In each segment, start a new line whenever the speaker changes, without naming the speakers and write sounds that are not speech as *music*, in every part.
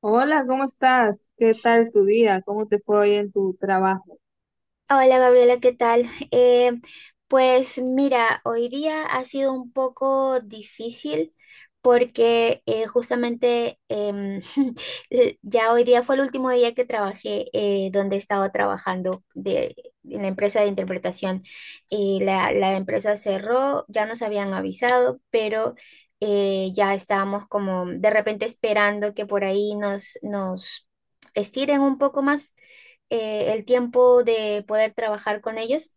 Hola, ¿cómo estás? ¿Qué tal tu día? ¿Cómo te fue hoy en tu trabajo?
Hola Gabriela, ¿qué tal? Pues mira, hoy día ha sido un poco difícil porque justamente *laughs* ya hoy día fue el último día que trabajé, donde estaba trabajando de, en la empresa de interpretación, y la empresa cerró, ya nos habían avisado, pero ya estábamos como de repente esperando que por ahí nos estiren un poco más el tiempo de poder trabajar con ellos,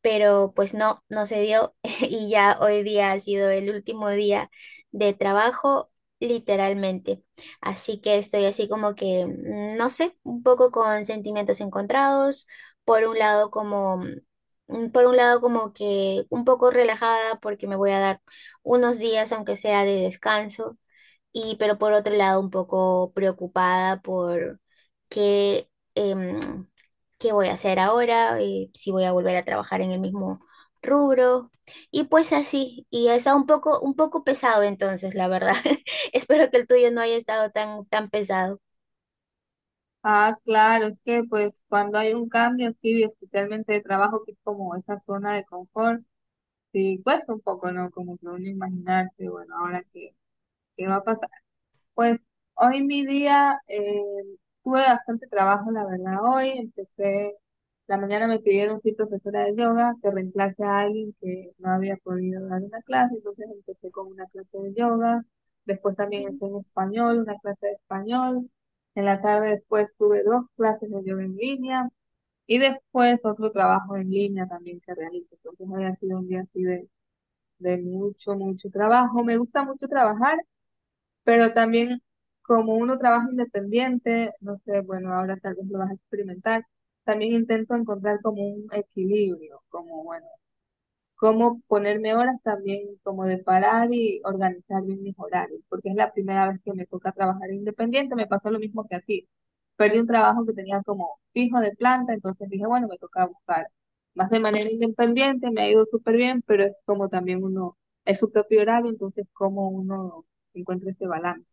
pero pues no, no se dio. *laughs* Y ya hoy día ha sido el último día de trabajo literalmente. Así que estoy así como que, no sé, un poco con sentimientos encontrados, por un lado como... Por un lado como que un poco relajada porque me voy a dar unos días, aunque sea de descanso, y pero por otro lado un poco preocupada por qué, qué voy a hacer ahora, si voy a volver a trabajar en el mismo rubro. Y pues así, y ha estado un poco pesado entonces, la verdad. *laughs* Espero que el tuyo no haya estado tan, tan pesado.
Ah, claro, es que pues cuando hay un cambio así, especialmente de trabajo, que es como esa zona de confort, sí cuesta un poco, ¿no? Como que uno imaginarse, bueno, ahora qué, qué va a pasar. Pues hoy mi día tuve bastante trabajo, la verdad. Hoy empecé, la mañana me pidieron ser profesora de yoga que reemplace a alguien que no había podido dar una clase, entonces empecé con una clase de yoga. Después también enseñé español, una clase de español. En la tarde después tuve dos clases de yoga en línea y después otro trabajo en línea también que realicé. Entonces hoy ha sido un día así de mucho, mucho trabajo. Me gusta mucho trabajar. Pero también, como uno trabaja independiente, no sé, bueno, ahora tal vez lo vas a experimentar, también intento encontrar como un equilibrio, como, bueno, cómo ponerme horas también, como de parar y organizar bien mis horarios, porque es la primera vez que me toca trabajar independiente, me pasó lo mismo que a ti. Perdí un trabajo que tenía como fijo de planta, entonces dije, bueno, me toca buscar más de manera independiente, me ha ido súper bien, pero es como también uno, es su propio horario, entonces cómo uno encuentra ese balance.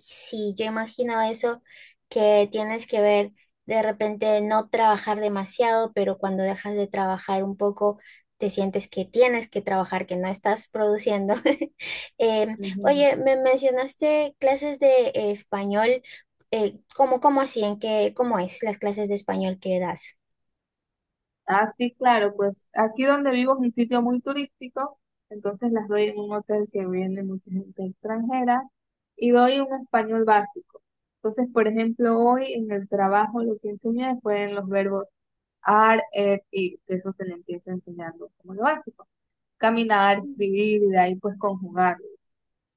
Sí, yo imagino eso que tienes que ver de repente no trabajar demasiado, pero cuando dejas de trabajar un poco, te sientes que tienes que trabajar, que no estás produciendo. *laughs*
Ujú.
Oye, me mencionaste clases de español. ¿Cómo, cómo así? ¿En qué, cómo es las clases de español que das?
Ah, sí, claro, pues aquí donde vivo es un sitio muy turístico, entonces las doy en un hotel que viene mucha gente extranjera y doy un español básico. Entonces, por ejemplo, hoy en el trabajo lo que enseñé fue en los verbos are, er, ir, que eso se le empieza enseñando como lo básico. Caminar, escribir y de ahí pues conjugarlo.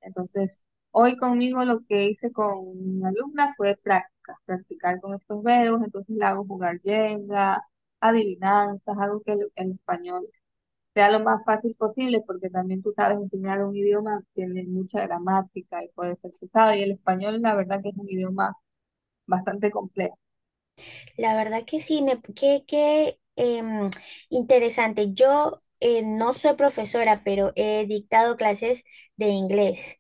Entonces, hoy conmigo lo que hice con mi alumna fue prácticas, practicar con estos verbos, entonces le hago jugar Jenga, adivinanzas, algo que el español sea lo más fácil posible, porque también tú sabes enseñar un idioma, tiene mucha gramática y puede ser pesado, y el español la verdad que es un idioma bastante complejo.
La verdad que sí, me, qué, qué em, interesante. Yo no soy profesora, pero he dictado clases de inglés.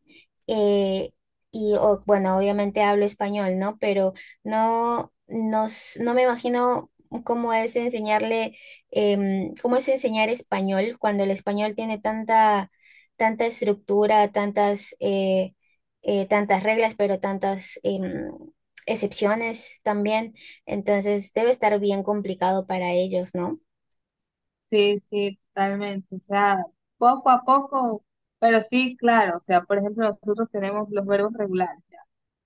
Eh, y bueno, obviamente hablo español, ¿no? Pero no, no, no me imagino cómo es enseñarle, cómo es enseñar español cuando el español tiene tanta, tanta estructura, tantas, tantas reglas, pero tantas excepciones también. Entonces debe estar bien complicado para ellos, ¿no?
Sí, sí, totalmente. O sea, poco a poco, pero sí, claro. O sea, por ejemplo, nosotros tenemos los verbos regulares, ya,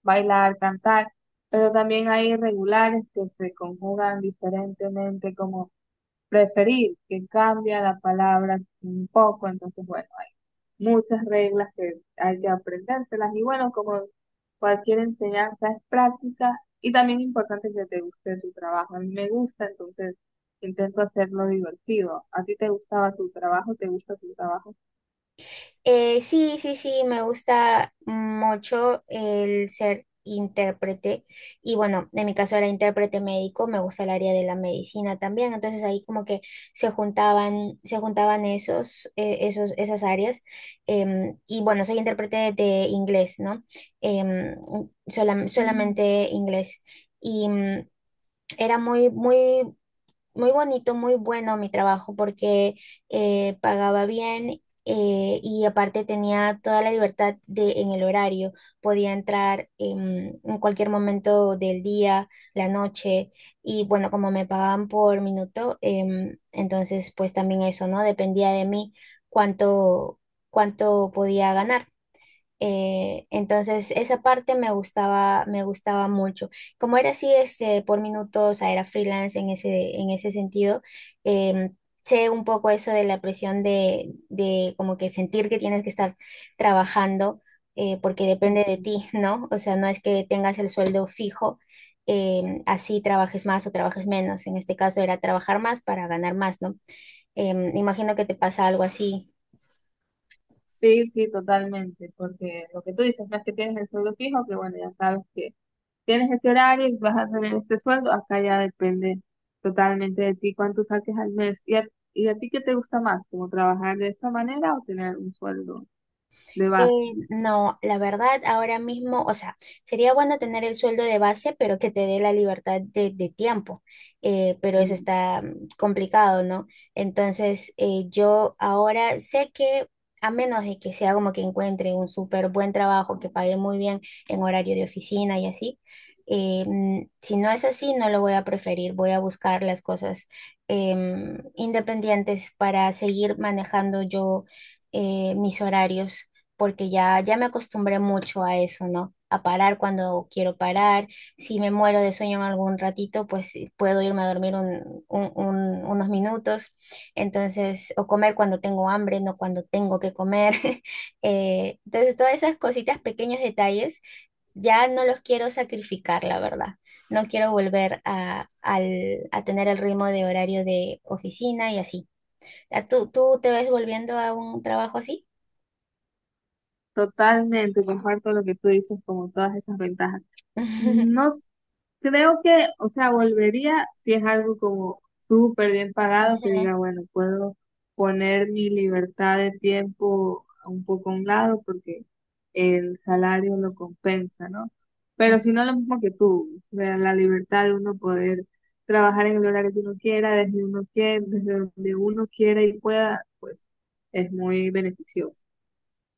bailar, cantar, pero también hay irregulares que se conjugan diferentemente, como preferir, que cambia la palabra un poco, entonces bueno, hay muchas reglas que hay que aprendérselas y bueno, como cualquier enseñanza es práctica y también importante que te guste tu trabajo. A mí me gusta, entonces intento hacerlo divertido. ¿A ti te gustaba tu trabajo? ¿Te gusta tu trabajo?
Sí, sí, sí, me gusta mucho el ser intérprete, y bueno, en mi caso era intérprete médico, me gusta el área de la medicina también, entonces ahí como que se juntaban esos, esos, esas áreas. Y bueno, soy intérprete de inglés, ¿no? Em,
Mm,
Solamente inglés. Y era muy, muy muy bonito, muy bueno mi trabajo porque pagaba bien, y aparte tenía toda la libertad de, en el horario. Podía entrar en cualquier momento del día, la noche, y bueno, como me pagaban por minuto, entonces pues también eso, ¿no? Dependía de mí cuánto, cuánto podía ganar. Entonces esa parte me gustaba mucho. Como era así, este, por minutos, o sea, era freelance en ese sentido, em, sé un poco eso de la presión de como que sentir que tienes que estar trabajando, porque depende de
ujú.
ti. *laughs* ¿No? O sea, no es que tengas el sueldo fijo, así trabajes más o trabajes menos. En este caso era trabajar más para ganar más, ¿no? Imagino que te pasa algo así.
Sí, sí, totalmente, porque lo que tú dices no es que tienes el sueldo fijo, que bueno, ya sabes que tienes ese horario y vas a tener este sueldo, acá ya depende totalmente de ti cuánto saques al mes. ¿Y a ti qué te gusta más? ¿Como trabajar de esa manera o tener un sueldo de base?
Eh, no, la verdad, ahora mismo, o sea, sería bueno tener el sueldo de base, pero que te dé la libertad de tiempo, pero eso
Mm.
está complicado, ¿no? Entonces, yo ahora sé que a menos de que sea como que encuentre un súper buen trabajo que pague muy bien en horario de oficina y así, si no es así, no lo voy a preferir, voy a buscar las cosas independientes para seguir manejando yo mis horarios, porque ya, ya me acostumbré mucho a eso, ¿no? A parar cuando quiero parar. Si me muero de sueño en algún ratito, pues sí, puedo irme a dormir unos minutos. Entonces, o comer cuando tengo hambre, no cuando tengo que comer. *laughs* Entonces, todas esas cositas, pequeños detalles, ya no los quiero sacrificar, la verdad. No quiero volver a, a tener el ritmo de horario de oficina y así. ¿Tú, tú te ves volviendo a un trabajo así?
Totalmente, comparto lo que tú dices, como todas esas ventajas.
*laughs*
No s- Creo que, o sea, volvería si es algo como súper bien pagado, que
Ujú.
diga, bueno, puedo poner mi libertad de tiempo un poco a un lado porque el salario lo compensa, ¿no? Pero si no,
Ujú.
lo mismo que tú, o sea, la libertad de uno poder trabajar en el horario que uno quiera, desde donde uno quiera y pueda, pues es muy beneficioso,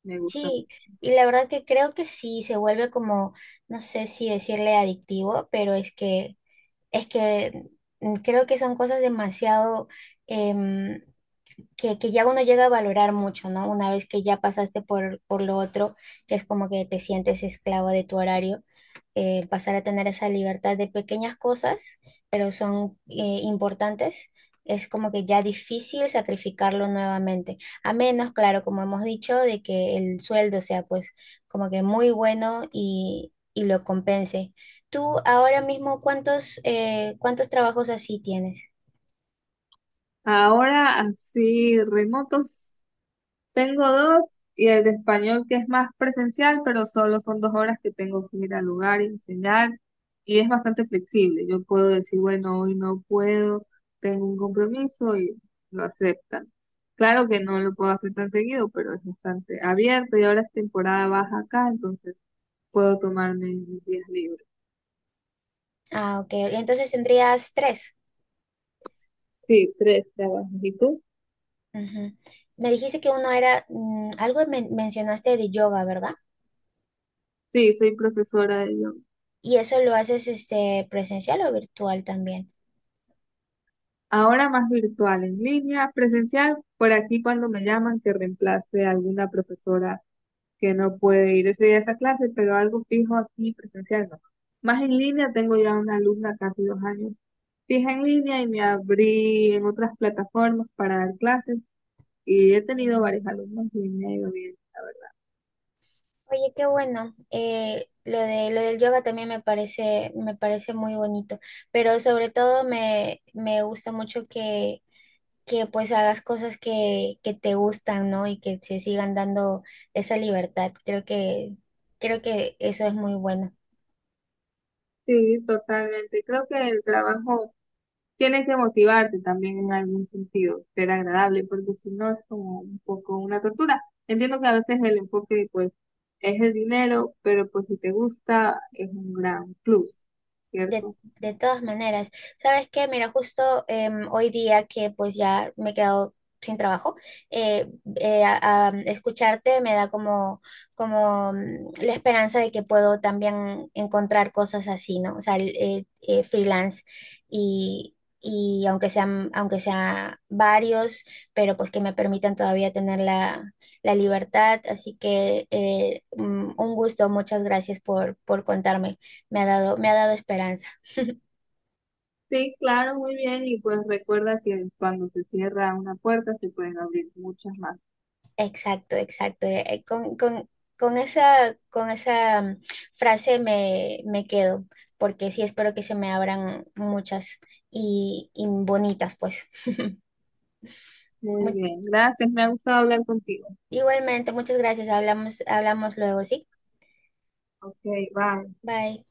me gusta
Sí,
mucho.
y la verdad que creo que sí se vuelve como, no sé si decirle adictivo, pero es que creo que son cosas demasiado, em, que ya uno llega a valorar mucho, ¿no? Una vez que ya pasaste por lo otro, que es como que te sientes esclavo de tu horario, pasar a tener esa libertad de pequeñas cosas, pero son importantes, es como que ya difícil sacrificarlo nuevamente. A menos, claro, como hemos dicho, de que el sueldo sea pues como que muy bueno y lo compense. Tú ahora mismo, ¿cuántos, cuántos trabajos así tienes?
Ahora, así, remotos. Tengo dos y el de español que es más presencial, pero solo son 2 horas que tengo que ir al lugar y enseñar y es bastante flexible. Yo puedo decir, bueno, hoy no puedo, tengo un compromiso y lo aceptan. Claro que no lo puedo hacer tan seguido, pero es bastante abierto y ahora es temporada baja acá, entonces puedo tomarme mis días libres.
Ah, ok. Entonces tendrías tres.
Sí, tres trabajos. ¿Y tú?
Ujú. Me dijiste que uno era, algo mencionaste de yoga, ¿verdad?
Sí, soy profesora de yoga.
¿Y eso lo haces este presencial o virtual también?
Ahora más virtual, en línea, presencial, por aquí cuando me llaman que reemplace a alguna profesora que no puede ir ese día a esa clase, pero algo fijo aquí presencial no. Más en línea, tengo ya una alumna casi 2 años fija en línea y me abrí en otras plataformas para dar clases y he tenido
Mm.
varios alumnos y me ha ido bien, la verdad.
Oye, qué bueno. Lo de, lo del yoga también me parece muy bonito, pero sobre todo me, me gusta mucho que pues hagas cosas que te gustan, ¿no? Y que se sigan dando esa libertad. Creo que eso es muy bueno.
Sí, totalmente. Creo que el trabajo tienes que motivarte también en algún sentido, ser agradable, porque si no es como un poco una tortura. Entiendo que a veces el enfoque pues es el dinero, pero pues si te gusta es un gran plus,
De,
¿cierto?
de todas maneras, ¿sabes qué? Mira, justo hoy día que pues ya me he quedado sin trabajo, eh, escucharte me da como, como la esperanza de que puedo también encontrar cosas así, ¿no? O sea, freelance y aunque sean, aunque sea varios, pero pues que me permitan todavía tener la, la libertad. Así que un gusto, muchas gracias por contarme. Me ha dado esperanza.
Sí, claro, muy bien, y pues recuerda que cuando se cierra una puerta se pueden abrir muchas más.
Exacto, exacto. Con, con esa frase me, me quedo, porque sí espero que se me abran muchas y bonitas, pues. *laughs*
Muy
Mu-
bien, gracias, me ha gustado hablar contigo.
Igualmente, muchas gracias. Hablamos, hablamos luego, ¿sí?
Ok, bye.
Bye.